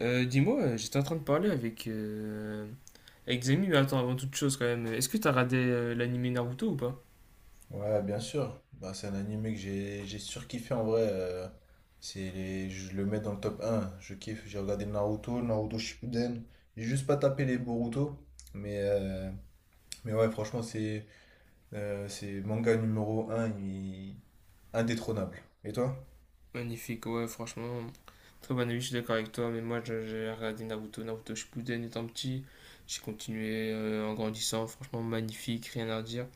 Dis-moi, j'étais en train de parler avec, avec des amis. Mais attends, avant toute chose quand même, est-ce que t'as regardé l'animé Naruto ou pas? Ouais, bien sûr. Bah, c'est un animé que j'ai surkiffé en vrai. C'est je le mets dans le top un. Je kiffe. J'ai regardé Naruto, Naruto Shippuden. J'ai juste pas tapé les Boruto. Mais, euh, mais ouais, franchement, c'est manga numéro un, indétrônable. Et toi? Magnifique, ouais, franchement, très bon avis, je suis d'accord avec toi, mais j'ai regardé Naruto, Naruto Shippuden étant petit, j'ai continué en grandissant, franchement magnifique, rien à dire.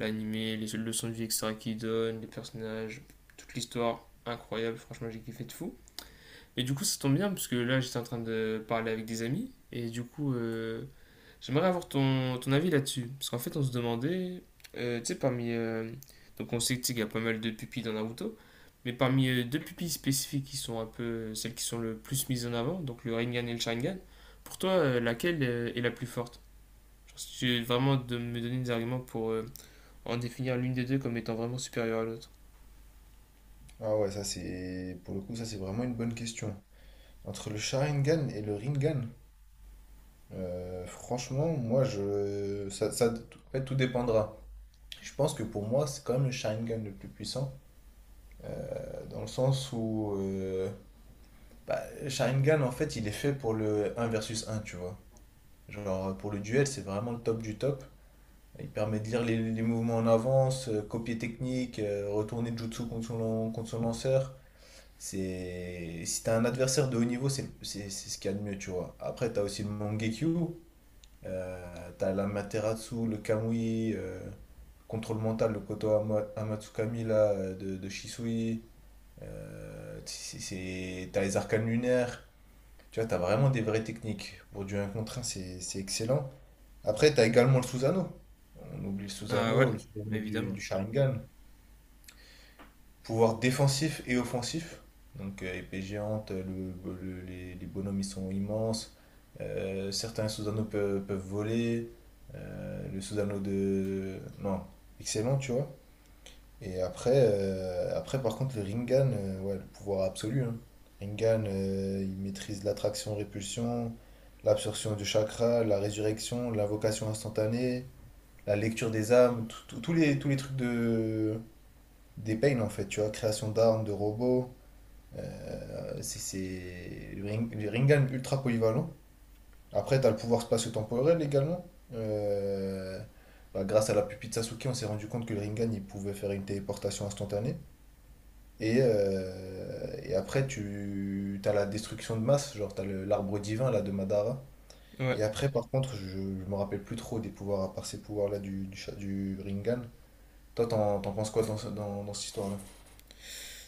L'animé, les leçons de vie extra qu'il donne, les personnages, toute l'histoire, incroyable, franchement j'ai kiffé de fou. Et du coup ça tombe bien, parce que là j'étais en train de parler avec des amis, et du coup j'aimerais avoir ton avis là-dessus. Parce qu'en fait, on se demandait, tu sais, parmi. Donc, on sait qu'il y a pas mal de pupilles dans Naruto. Mais parmi deux pupilles spécifiques qui sont un peu celles qui sont le plus mises en avant, donc le Rinnegan et le Sharingan, pour toi, laquelle est la plus forte? Genre, si tu veux vraiment de me donner des arguments pour en définir l'une des deux comme étant vraiment supérieure à l'autre. Ah ouais, ça c'est... Pour le coup, ça c'est vraiment une bonne question. Entre le Sharingan et le Rinnegan, franchement, moi je. En fait, tout dépendra. Je pense que pour moi, c'est quand même le Sharingan le plus puissant. Dans le sens où bah, Sharingan, en fait, il est fait pour le un versus un, tu vois. Genre, pour le duel, c'est vraiment le top du top. Il permet de lire les mouvements en avance, copier technique, retourner Jutsu contre son, contre son lanceur. C'est... Si t'as un adversaire de haut niveau, c'est ce qu'il y a de mieux, tu vois. Après, t'as aussi le Mangekyu, t'as l'Amaterasu, le Kamui, contrôle mental, le Amatsukami là, de Shisui. T'as les arcanes lunaires, tu vois, t'as vraiment des vraies techniques. Pour du un contre un, c'est excellent. Après, t'as également le sous-anneau. On oublie Ah ouais, le sous-anneau évidemment. du Sharingan. Pouvoir défensif et offensif. Donc, épée géante, les bonhommes, ils sont immenses. Certains sous-anneaux peuvent voler. Le sous-anneau de... Non, excellent, tu vois. Et après, par contre, le Rinnegan, ouais, le pouvoir absolu. Hein. Rinnegan, il maîtrise l'attraction-répulsion, l'absorption du chakra, la résurrection, l'invocation instantanée, la lecture des âmes, tous les trucs de, des Pain en fait, tu vois, création d'armes, de robots. Le Rinnegan, ultra polyvalent. Après, tu as le pouvoir spatio-temporel également. Euh, Bah, grâce à la pupille de Sasuke, on s'est rendu compte que le Rinnegan, il pouvait faire une téléportation instantanée. Et après, tu as la destruction de masse, genre tu as l'arbre divin là de Madara. Ouais. Et après, par contre, je me rappelle plus trop des pouvoirs, à part ces pouvoirs-là du Rinnegan. Toi, t'en penses quoi dans, dans cette histoire-là?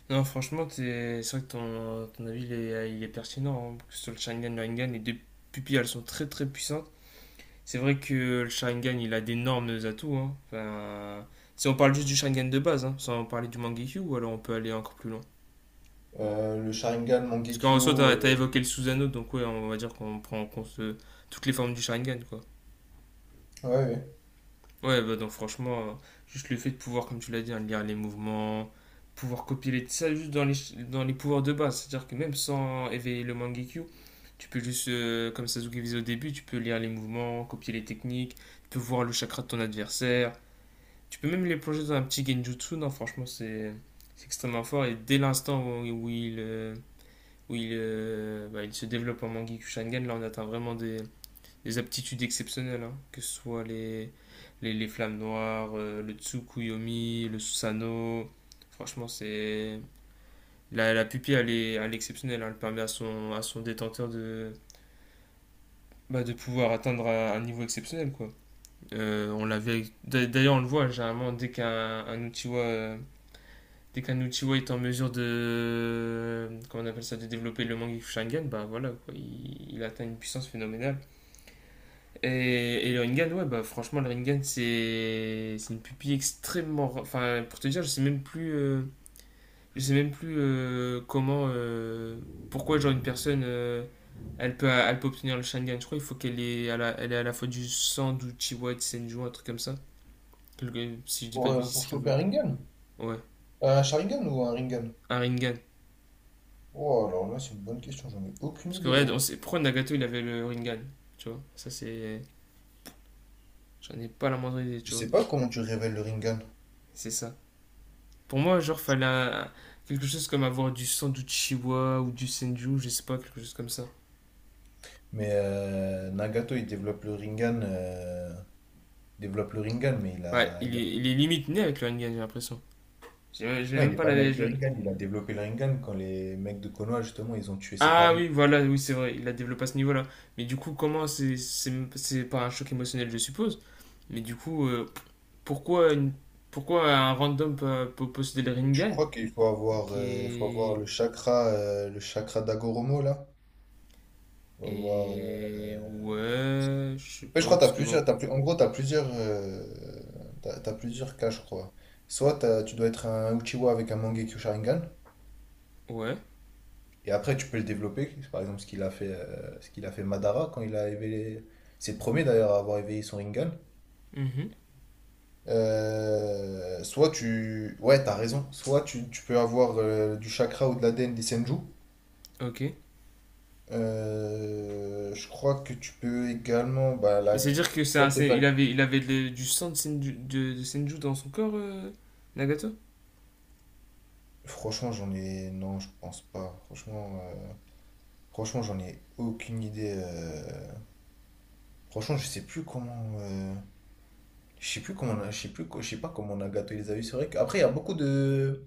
Non, franchement, c'est vrai que ton avis, il est pertinent, hein, parce que sur le Sharingan, le Rinnegan, les deux pupilles, elles sont très très puissantes. C'est vrai que le Sharingan, il a d'énormes atouts, hein. Enfin, si on parle juste du Sharingan de base, hein, sans parler du Mangekyu, ou alors on peut aller encore plus loin. Le Sharingan, Parce qu'en soi, t'as Mangekyo. évoqué le Susanoo, donc ouais, on va dire qu'on prend en compte toutes les formes du Sharingan, quoi. euh, Ouais, ouais. Ouais, bah donc franchement, juste le fait de pouvoir, comme tu l'as dit, hein, lire les mouvements, pouvoir ça juste dans dans les pouvoirs de base. C'est-à-dire que même sans éveiller le Mangekyu, tu peux juste, comme Sasuke faisait au début, tu peux lire les mouvements, copier les techniques, tu peux voir le chakra de ton adversaire. Tu peux même les plonger dans un petit genjutsu, non, franchement, c'est extrêmement fort. Et dès l'instant où il se développe en Mangekyou Sharingan, là, on atteint vraiment des aptitudes exceptionnelles, hein, que ce soit les flammes noires, le Tsukuyomi, le Susanoo. Franchement, c'est. La pupille, elle est exceptionnelle, hein. Elle permet à à son détenteur de, bah, de pouvoir atteindre un niveau exceptionnel, quoi. On l'avait. D'ailleurs, on le voit, généralement, dès qu'un un Uchiwa dès qu'un Uchiwa est en mesure de, comment on appelle ça, de développer le Mangekyou Sharingan, bah voilà quoi, il atteint une puissance phénoménale et le Rinnegan, ouais, bah franchement le Rinnegan c'est une pupille extrêmement, enfin pour te dire je sais même plus je sais même plus comment pourquoi genre une personne elle peut obtenir le Sharingan, je crois il faut qu'elle est à elle est à la fois du sang d'Uchiwa et de Senju, un truc comme ça. Si je dis pas de bêtises, Pour c'est choper quelque. un Rinnegan? Ouais, Un Sharingan ou un Rinnegan? un Rinnegan. Oh, alors là, c'est une bonne question, j'en ai aucune Parce que, idée, ouais, gros. Pourquoi Nagato il avait le Rinnegan? Tu vois, ça c'est. J'en ai pas la moindre idée, Je tu vois. sais pas comment tu révèles le Rinnegan, C'est ça. Pour moi, genre, quelque chose comme avoir du sang du ou du Senju, je sais pas, quelque chose comme ça. mais Nagato, il développe le Rinnegan, mais Ouais, il a... il est limite né avec le Rinnegan, j'ai l'impression. J'ai- Je l'ai Non, il même n'est pas pas né la. avec le Je- Rinnegan, il a développé le Rinnegan quand les mecs de Konoha, justement, ils ont tué ses Ah parents. oui, voilà, oui, c'est vrai, il a développé à ce niveau-là. Mais du coup, comment c'est. C'est par un choc émotionnel, je suppose. Mais du coup, pourquoi, une- pourquoi un random peut, peut posséder le Je Rinnegan crois qu'il qui faut avoir est. Le chakra d'Agoromo, là. Faut avoir, Et euh... ouais, je sais Ouais, je pas, crois que parce que bon, t'as plus... En gros, t'as plusieurs, t'as plusieurs cas, je crois. Tu dois être un Uchiwa avec un Mangekyo Sharingan, ouais, et après tu peux le développer. C'est... Par exemple, ce qu'il a fait, ce qu'il a fait Madara quand il a éveillé, c'est le premier d'ailleurs à avoir éveillé son Rinnegan. mhm, Soit tu... Ouais, t'as raison. Soit tu peux avoir du chakra ou de la l'ADN des Senju. ok. Je crois que tu peux également... Bah, Mais la... c'est-à-dire que C'est pas tes il facs. avait, du sang de Senju, de Senju dans son corps, Nagato? Franchement, j'en ai... Non, je pense pas. Franchement, j'en ai aucune idée. Franchement, je sais plus comment... Je sais plus comment on a... je sais pas comment Nagato les a eu. C'est vrai qu'après, il y a beaucoup de...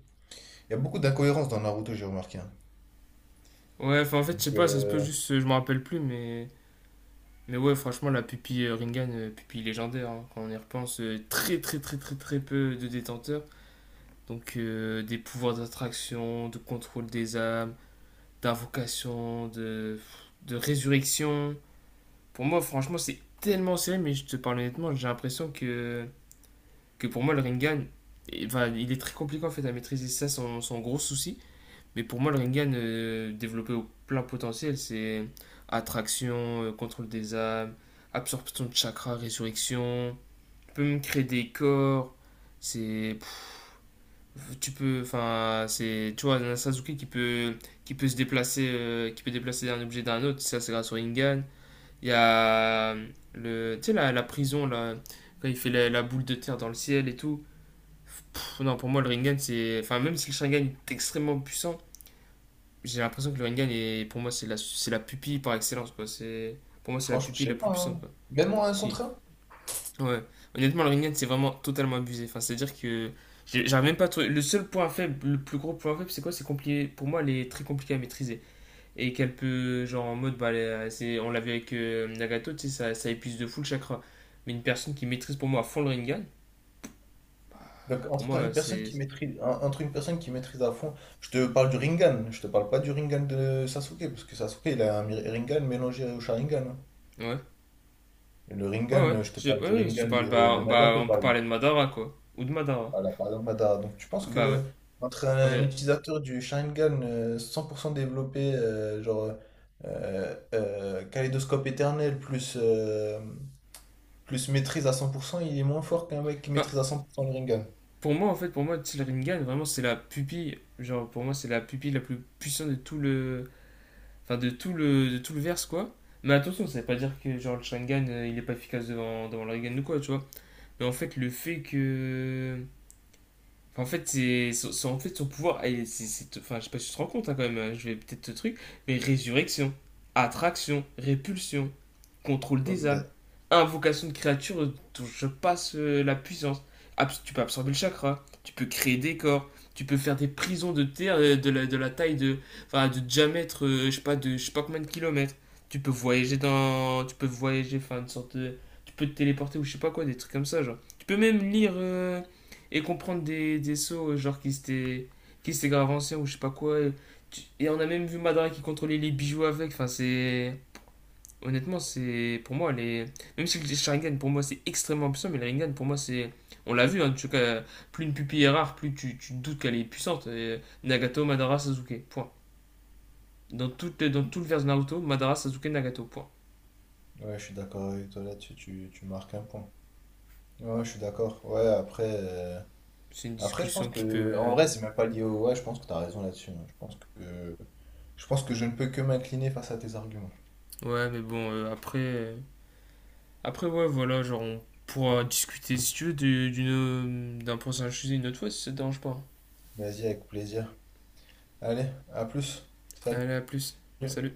Il y a beaucoup d'incohérences dans Naruto, j'ai remarqué. Hein. Ouais, enfin en fait, je sais pas, ça se peut euh, juste, je me rappelle plus, mais ouais, franchement, la pupille Rinnegan, pupille légendaire, hein, quand on y repense, très très très très très peu de détenteurs. Donc des pouvoirs d'attraction, de contrôle des âmes, d'invocation, de résurrection. Pour moi, franchement, c'est tellement serré, mais je te parle honnêtement, j'ai l'impression que pour moi, le Ringan, eh, enfin, il est très compliqué en fait à maîtriser, ça, son gros souci. Mais pour moi, le Ringan développé au plein potentiel, c'est attraction, contrôle des âmes, absorption de chakra, résurrection. Tu peux même créer des corps. C'est. Pff, Tu peux. Enfin, c'est. Tu vois, un Sasuke qui peut se déplacer, qui peut déplacer d'un objet d'un autre, ça c'est grâce au Ringan. Il y a le, tu sais, la prison, là, quand il fait la boule de terre dans le ciel et tout. Pff, non, pour moi, le Rinnegan, c'est. Enfin, même si le Sharingan est extrêmement puissant, j'ai l'impression que le Rinnegan est, pour moi, c'est c'est la pupille par excellence, quoi. C'est, pour moi, c'est la Franchement, je pupille sais la plus pas. puissante, Hein. quoi. Même en un Si. contre un. Ouais. Honnêtement, le Rinnegan, c'est vraiment totalement abusé. Enfin, c'est-à-dire que. J'arrive même pas à trouver. Le plus gros point faible, c'est quoi? C'est compliqué. Pour moi, elle est très compliquée à maîtriser et qu'elle peut, genre en mode, bah, on l'a vu avec Nagato, tu sais, ça épuise de fou le chakra. Mais une personne qui maîtrise pour moi à fond le Rinnegan, Donc, pour entre moi, une personne c'est. qui maîtrise, entre une personne qui maîtrise à fond, je te parle du Rinnegan, je te parle pas du Rinnegan de Sasuke, parce que Sasuke, il a un Rinnegan mélangé au Sharingan. Hein. Ouais, Et le ouais, ouais. Rinnegan, je te parle du Je te Rinnegan parle, bah, de bah, Nagato, on peut par exemple. parler de Madara, quoi. Ou de Madara. Voilà, par exemple, Madara. Donc, tu penses Bah ouais. que entre On un a- utilisateur du Sharingan 100% développé, Kaléidoscope éternel, plus, plus maîtrise à 100%, il est moins fort qu'un mec qui Enfin, maîtrise à 100% le Rinnegan? pour moi, en fait, pour moi, tu sais, le Rinnegan, vraiment, c'est la pupille, genre, pour moi, c'est la pupille la plus puissante de tout le. Enfin, de tout de tout le verse, quoi. Mais attention, ça veut pas dire que genre le Sharingan il est pas efficace devant, devant le Rinnegan ou quoi, tu vois. Mais en fait, le fait que En fait, c'est son pouvoir, enfin, je sais pas si tu te rends compte hein, quand même, hein, je vais peut-être te truc, mais résurrection, attraction, répulsion, contrôle Ouais. des âmes, invocation de créatures dont je passe la puissance. Tu peux absorber le chakra, tu peux créer des corps, tu peux faire des prisons de terre de de la taille de, enfin, de diamètre, je sais pas, de je sais pas combien de kilomètres. Tu peux voyager dans, tu peux voyager, enfin une sorte de, tu peux te téléporter ou je sais pas quoi, des trucs comme ça genre. Tu peux même lire et comprendre des sceaux genre qui s'étaient, qui s'étaient grave anciens ou je sais pas quoi. Et, et on a même vu Madara qui contrôlait les bijoux avec, enfin c'est. Honnêtement, c'est pour moi, les. Même si le Sharingan pour moi c'est extrêmement puissant, mais le Rinnegan pour moi c'est. On l'a vu, hein, plus une pupille est rare, plus tu doutes qu'elle est puissante. Et Nagato, Madara, Sasuke, point. Dans tout le vers de Naruto, Madara, Sasuke, Nagato, point. Ouais, je suis d'accord avec toi là-dessus, tu marques un point. Ouais, je suis d'accord. Ouais, après, C'est une après, je pense discussion qui peut. que, en vrai, c'est même pas lié au... Ouais, je pense que t'as raison là-dessus. Hein. Je pense que je ne peux que m'incliner face à tes arguments. Ouais, mais bon, après, ouais, voilà, genre on pourra discuter si tu veux d'un prochain sujet une autre fois si ça te dérange pas. Vas-y, avec plaisir. Allez, à plus. Salut. Allez, à plus. Salut.